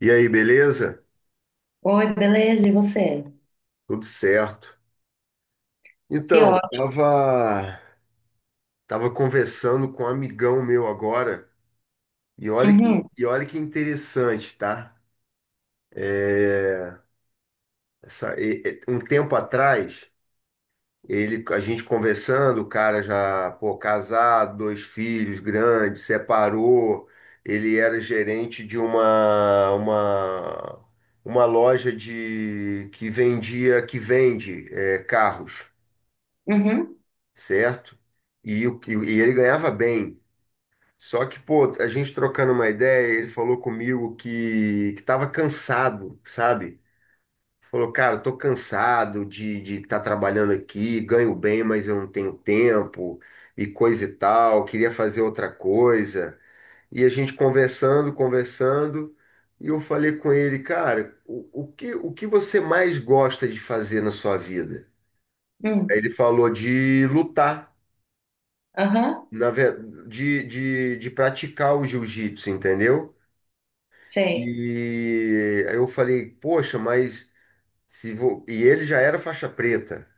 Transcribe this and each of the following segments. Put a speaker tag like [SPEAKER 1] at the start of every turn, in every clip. [SPEAKER 1] E aí, beleza?
[SPEAKER 2] Oi, beleza, e você?
[SPEAKER 1] Tudo certo.
[SPEAKER 2] Que
[SPEAKER 1] Então,
[SPEAKER 2] ótimo.
[SPEAKER 1] tava conversando com um amigão meu agora, e
[SPEAKER 2] Uhum,
[SPEAKER 1] e olha que interessante, tá? É, um tempo atrás, ele, a gente conversando, o cara já, pô, casado, dois filhos grandes, separou, ele era gerente de uma, uma loja de, que vende, é, carros.
[SPEAKER 2] uhum,
[SPEAKER 1] Certo? E, e ele ganhava bem. Só que, pô, a gente trocando uma ideia, ele falou comigo que estava cansado, sabe? Falou, cara, tô cansado de estar trabalhando aqui, ganho bem, mas eu não tenho tempo e coisa e tal, queria fazer outra coisa. E a gente conversando, e eu falei com ele, cara, o que você mais gosta de fazer na sua vida? Aí
[SPEAKER 2] uhum,
[SPEAKER 1] ele falou de lutar.
[SPEAKER 2] aham,
[SPEAKER 1] na ve- de praticar o jiu-jitsu, entendeu?
[SPEAKER 2] sei.
[SPEAKER 1] E aí eu falei, poxa, mas se vou... E ele já era faixa preta.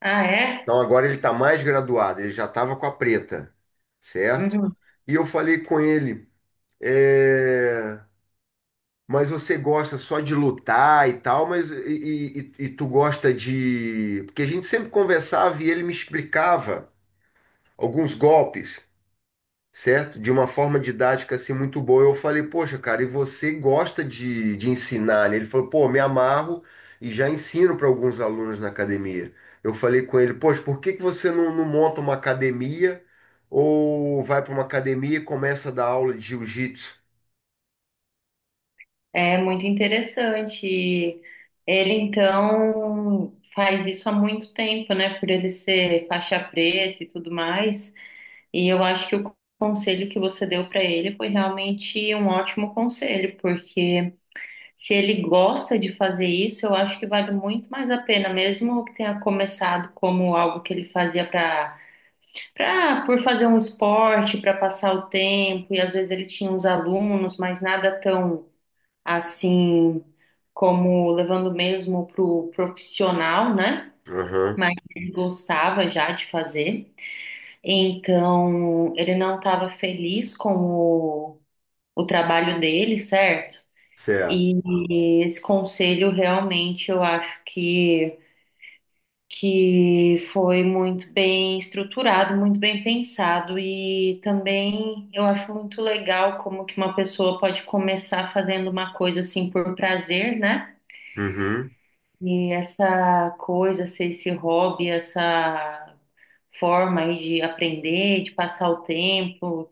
[SPEAKER 2] Ah, é?
[SPEAKER 1] Então agora ele está mais graduado, ele já estava com a preta, certo?
[SPEAKER 2] Uhum.
[SPEAKER 1] E eu falei com ele, é, mas você gosta só de lutar e tal, mas e tu gosta de. Porque a gente sempre conversava e ele me explicava alguns golpes. Certo? De uma forma didática assim muito boa. Eu falei, poxa, cara, e você gosta de ensinar, né? Ele falou, pô, me amarro e já ensino para alguns alunos na academia. Eu falei com ele, poxa, por que você não monta uma academia ou vai para uma academia e começa a dar aula de jiu-jitsu?
[SPEAKER 2] É muito interessante. Ele, então, faz isso há muito tempo, né? Por ele ser faixa preta e tudo mais. E eu acho que o conselho que você deu para ele foi realmente um ótimo conselho, porque se ele gosta de fazer isso, eu acho que vale muito mais a pena, mesmo que tenha começado como algo que ele fazia para por fazer um esporte, para passar o tempo, e às vezes ele tinha uns alunos, mas nada tão assim como levando mesmo pro profissional, né?
[SPEAKER 1] Aham,
[SPEAKER 2] Mas ele gostava já de fazer. Então, ele não estava feliz com o trabalho dele, certo?
[SPEAKER 1] certo.
[SPEAKER 2] E esse conselho realmente eu acho que foi muito bem estruturado, muito bem pensado e também eu acho muito legal como que uma pessoa pode começar fazendo uma coisa assim por prazer, né?
[SPEAKER 1] Uhum,
[SPEAKER 2] E essa coisa, esse hobby, essa forma aí de aprender, de passar o tempo,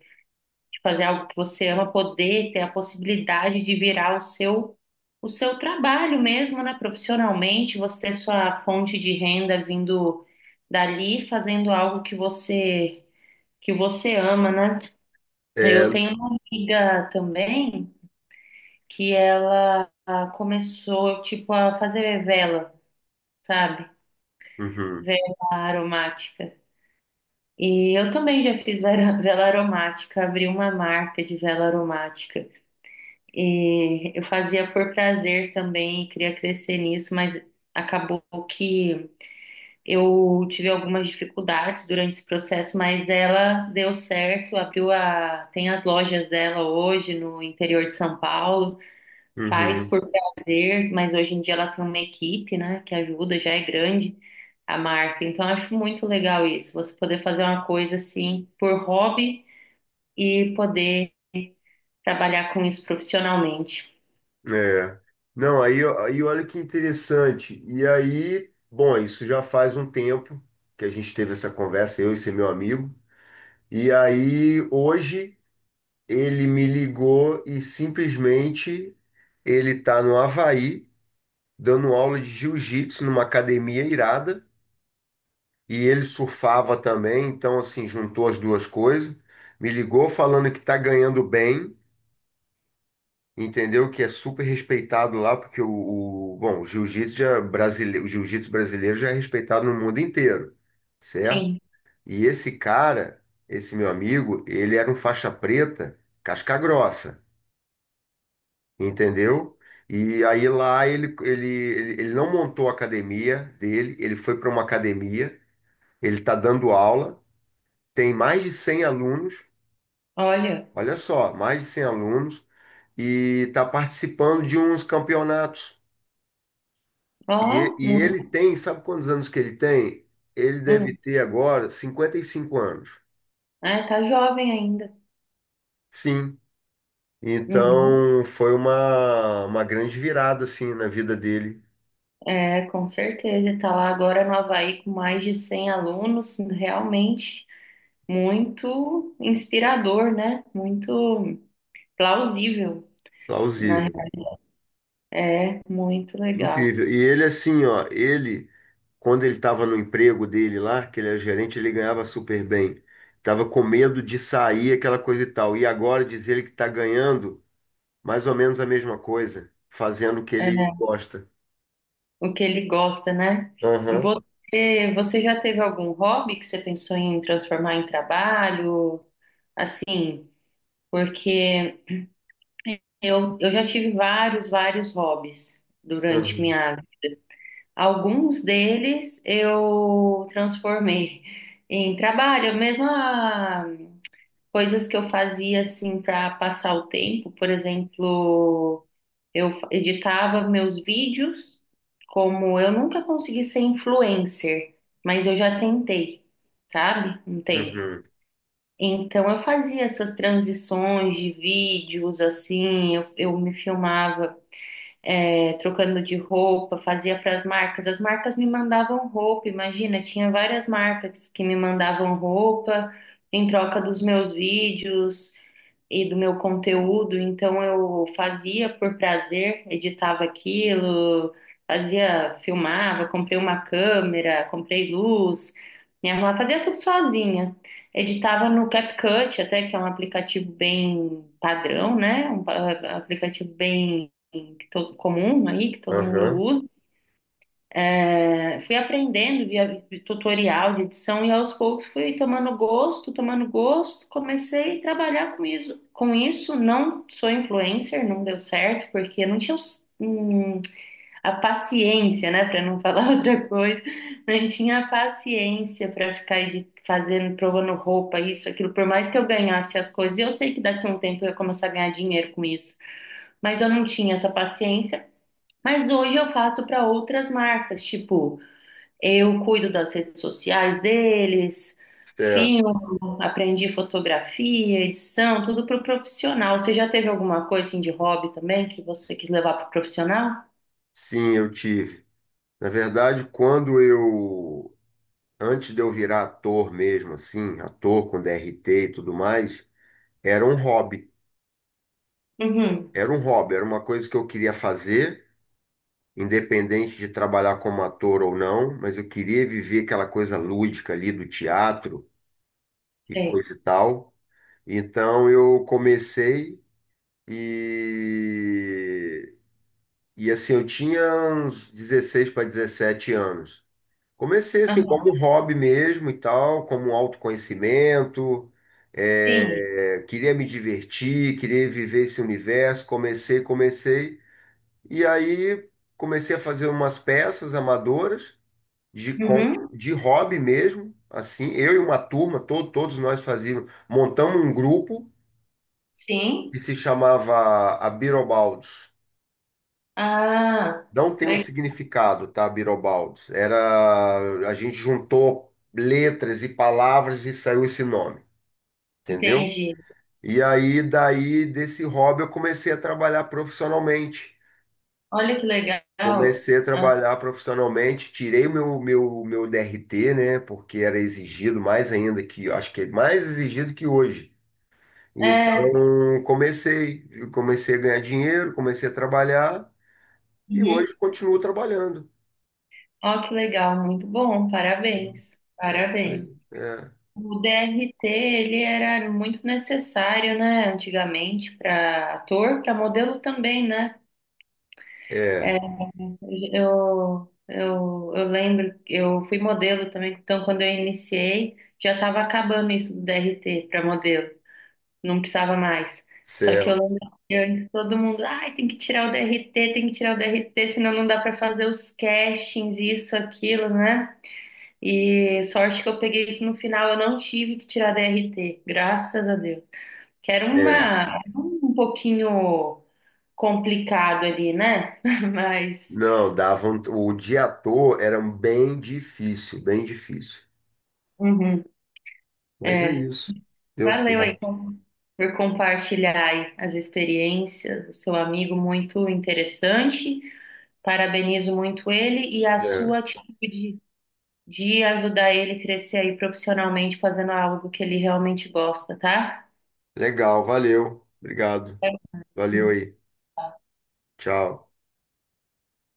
[SPEAKER 2] de fazer algo que você ama, poder ter a possibilidade de virar o seu trabalho mesmo, né? Profissionalmente, você ter sua fonte de renda vindo dali, fazendo algo que você ama, né?
[SPEAKER 1] é,
[SPEAKER 2] Eu tenho uma amiga também que ela começou tipo a fazer vela, sabe?
[SPEAKER 1] uhum,
[SPEAKER 2] Vela aromática. E eu também já fiz vela vela aromática, abri uma marca de vela aromática. E eu fazia por prazer também, e queria crescer nisso, mas acabou que eu tive algumas dificuldades durante esse processo, mas ela deu certo, abriu a, tem as lojas dela hoje no interior de São Paulo, faz
[SPEAKER 1] uhum.
[SPEAKER 2] por prazer, mas hoje em dia ela tem uma equipe, né, que ajuda, já é grande a marca. Então eu acho muito legal isso, você poder fazer uma coisa assim por hobby e poder trabalhar com isso profissionalmente.
[SPEAKER 1] É. Não, aí olha que interessante. E aí, bom, isso já faz um tempo que a gente teve essa conversa, eu e esse meu amigo. E aí, hoje, ele me ligou e simplesmente ele tá no Havaí, dando aula de jiu-jitsu numa academia irada. E ele surfava também, então, assim, juntou as duas coisas. Me ligou falando que tá ganhando bem. Entendeu? Que é super respeitado lá, porque bom, o jiu-jitsu brasileiro já é respeitado no mundo inteiro, certo?
[SPEAKER 2] Sim,
[SPEAKER 1] E esse cara, esse meu amigo, ele era um faixa preta, casca grossa, entendeu? E aí lá ele não montou a academia dele, ele foi para uma academia, ele está dando aula, tem mais de 100 alunos,
[SPEAKER 2] olha.
[SPEAKER 1] olha só, mais de 100 alunos, e está participando de uns campeonatos.
[SPEAKER 2] Ó,
[SPEAKER 1] E ele
[SPEAKER 2] muito.
[SPEAKER 1] tem, sabe quantos anos que ele tem? Ele deve
[SPEAKER 2] Hum.
[SPEAKER 1] ter agora 55 anos.
[SPEAKER 2] É, tá jovem ainda.
[SPEAKER 1] Sim.
[SPEAKER 2] Uhum.
[SPEAKER 1] Então foi uma grande virada assim na vida dele,
[SPEAKER 2] É, com certeza. Tá lá agora no Havaí com mais de 100 alunos. Realmente muito inspirador, né? Muito plausível, né?
[SPEAKER 1] plausível.
[SPEAKER 2] É, muito legal.
[SPEAKER 1] Incrível. E ele assim, ó, ele quando ele estava no emprego dele lá, que ele era gerente, ele ganhava super bem. Tava com medo de sair aquela coisa e tal. E agora diz ele que está ganhando mais ou menos a mesma coisa, fazendo o que
[SPEAKER 2] É,
[SPEAKER 1] ele gosta.
[SPEAKER 2] o que ele gosta, né? E
[SPEAKER 1] Aham.
[SPEAKER 2] você, você já teve algum hobby que você pensou em transformar em trabalho? Assim, porque eu já tive vários, vários hobbies durante
[SPEAKER 1] Uhum.
[SPEAKER 2] minha Alguns deles eu transformei em trabalho, mesmo coisas que eu fazia assim para passar o tempo, por exemplo, eu editava meus vídeos, como eu nunca consegui ser influencer, mas eu já tentei, sabe? Um tempo.
[SPEAKER 1] Uhum.
[SPEAKER 2] Então eu fazia essas transições de vídeos assim, eu me filmava é, trocando de roupa, fazia para as marcas. As marcas me mandavam roupa, imagina, tinha várias marcas que me mandavam roupa em troca dos meus vídeos e do meu conteúdo, então eu fazia por prazer, editava aquilo, fazia, filmava, comprei uma câmera, comprei luz, minha irmã fazia tudo sozinha. Editava no CapCut, até que é um aplicativo bem padrão, né? Um aplicativo bem que comum aí, que todo mundo
[SPEAKER 1] Uhum.
[SPEAKER 2] usa. É, fui aprendendo via tutorial de edição e aos poucos fui tomando gosto, comecei a trabalhar com isso. Com isso, não sou influencer, não deu certo, porque não tinha a paciência, né, para não falar outra coisa, não tinha a paciência para ficar fazendo, provando roupa, isso, aquilo, por mais que eu ganhasse as coisas, e eu sei que daqui a um tempo eu ia começar a ganhar dinheiro com isso, mas eu não tinha essa paciência. Mas hoje eu faço para outras marcas, tipo. Eu cuido das redes sociais deles,
[SPEAKER 1] Certo.
[SPEAKER 2] filmo, aprendi fotografia, edição, tudo para o profissional. Você já teve alguma coisa assim de hobby também que você quis levar para o profissional?
[SPEAKER 1] Sim, eu tive. Na verdade, antes de eu virar ator mesmo, assim, ator com DRT e tudo mais, era um hobby.
[SPEAKER 2] Uhum,
[SPEAKER 1] Era um hobby, era uma coisa que eu queria fazer, independente de trabalhar como ator ou não, mas eu queria viver aquela coisa lúdica ali do teatro e
[SPEAKER 2] sei.
[SPEAKER 1] coisa e tal. Então eu comecei e, e assim, eu tinha uns 16 para 17 anos. Comecei assim, como
[SPEAKER 2] Aham,
[SPEAKER 1] um hobby mesmo e tal, como um autoconhecimento.
[SPEAKER 2] sim.
[SPEAKER 1] É, queria me divertir, queria viver esse universo. Comecei. E aí comecei a fazer umas peças amadoras
[SPEAKER 2] Uhum,
[SPEAKER 1] de hobby mesmo. Assim, eu e uma turma, todos nós fazíamos, montamos um grupo
[SPEAKER 2] sim.
[SPEAKER 1] que se chamava Abirobaldos.
[SPEAKER 2] Ah,
[SPEAKER 1] Não tem um
[SPEAKER 2] le-
[SPEAKER 1] significado, tá, Birobaldo? Era, a gente juntou letras e palavras e saiu esse nome, entendeu?
[SPEAKER 2] entendi.
[SPEAKER 1] E aí, daí, desse hobby, eu comecei a trabalhar profissionalmente.
[SPEAKER 2] Olha que legal.
[SPEAKER 1] Comecei a
[SPEAKER 2] Ah,
[SPEAKER 1] trabalhar profissionalmente, tirei meu DRT, né? Porque era exigido mais ainda que, acho que é mais exigido que hoje.
[SPEAKER 2] é.
[SPEAKER 1] Então, comecei a ganhar dinheiro, comecei a trabalhar e
[SPEAKER 2] Uhum.
[SPEAKER 1] hoje continuo trabalhando.
[SPEAKER 2] Ó, que legal, muito bom. Parabéns.
[SPEAKER 1] É isso aí.
[SPEAKER 2] Parabéns.
[SPEAKER 1] É.
[SPEAKER 2] O DRT, ele era muito necessário, né, antigamente, para ator, para modelo também, né?
[SPEAKER 1] É,
[SPEAKER 2] Eu lembro, que eu fui modelo também, então quando eu iniciei, já estava acabando isso do DRT para modelo, não precisava mais. Só que eu
[SPEAKER 1] céu,
[SPEAKER 2] lembro que antes todo mundo, ai, tem que tirar o DRT, tem que tirar o DRT, senão não dá para fazer os castings, isso, aquilo, né? E sorte que eu peguei isso no final, eu não tive que tirar DRT, graças a Deus. Que era
[SPEAKER 1] é.
[SPEAKER 2] uma, um pouquinho complicado ali, né? Mas,
[SPEAKER 1] Não, davam. O de ator era bem difícil, bem difícil.
[SPEAKER 2] uhum,
[SPEAKER 1] Mas é
[SPEAKER 2] é.
[SPEAKER 1] isso. Deu
[SPEAKER 2] Valeu aí
[SPEAKER 1] certo.
[SPEAKER 2] por compartilhar aí as experiências, o seu amigo muito interessante. Parabenizo muito ele e a
[SPEAKER 1] É.
[SPEAKER 2] sua atitude de ajudar ele crescer aí profissionalmente, fazendo algo que ele realmente gosta, tá?
[SPEAKER 1] Legal, valeu. Obrigado. Valeu aí. Tchau.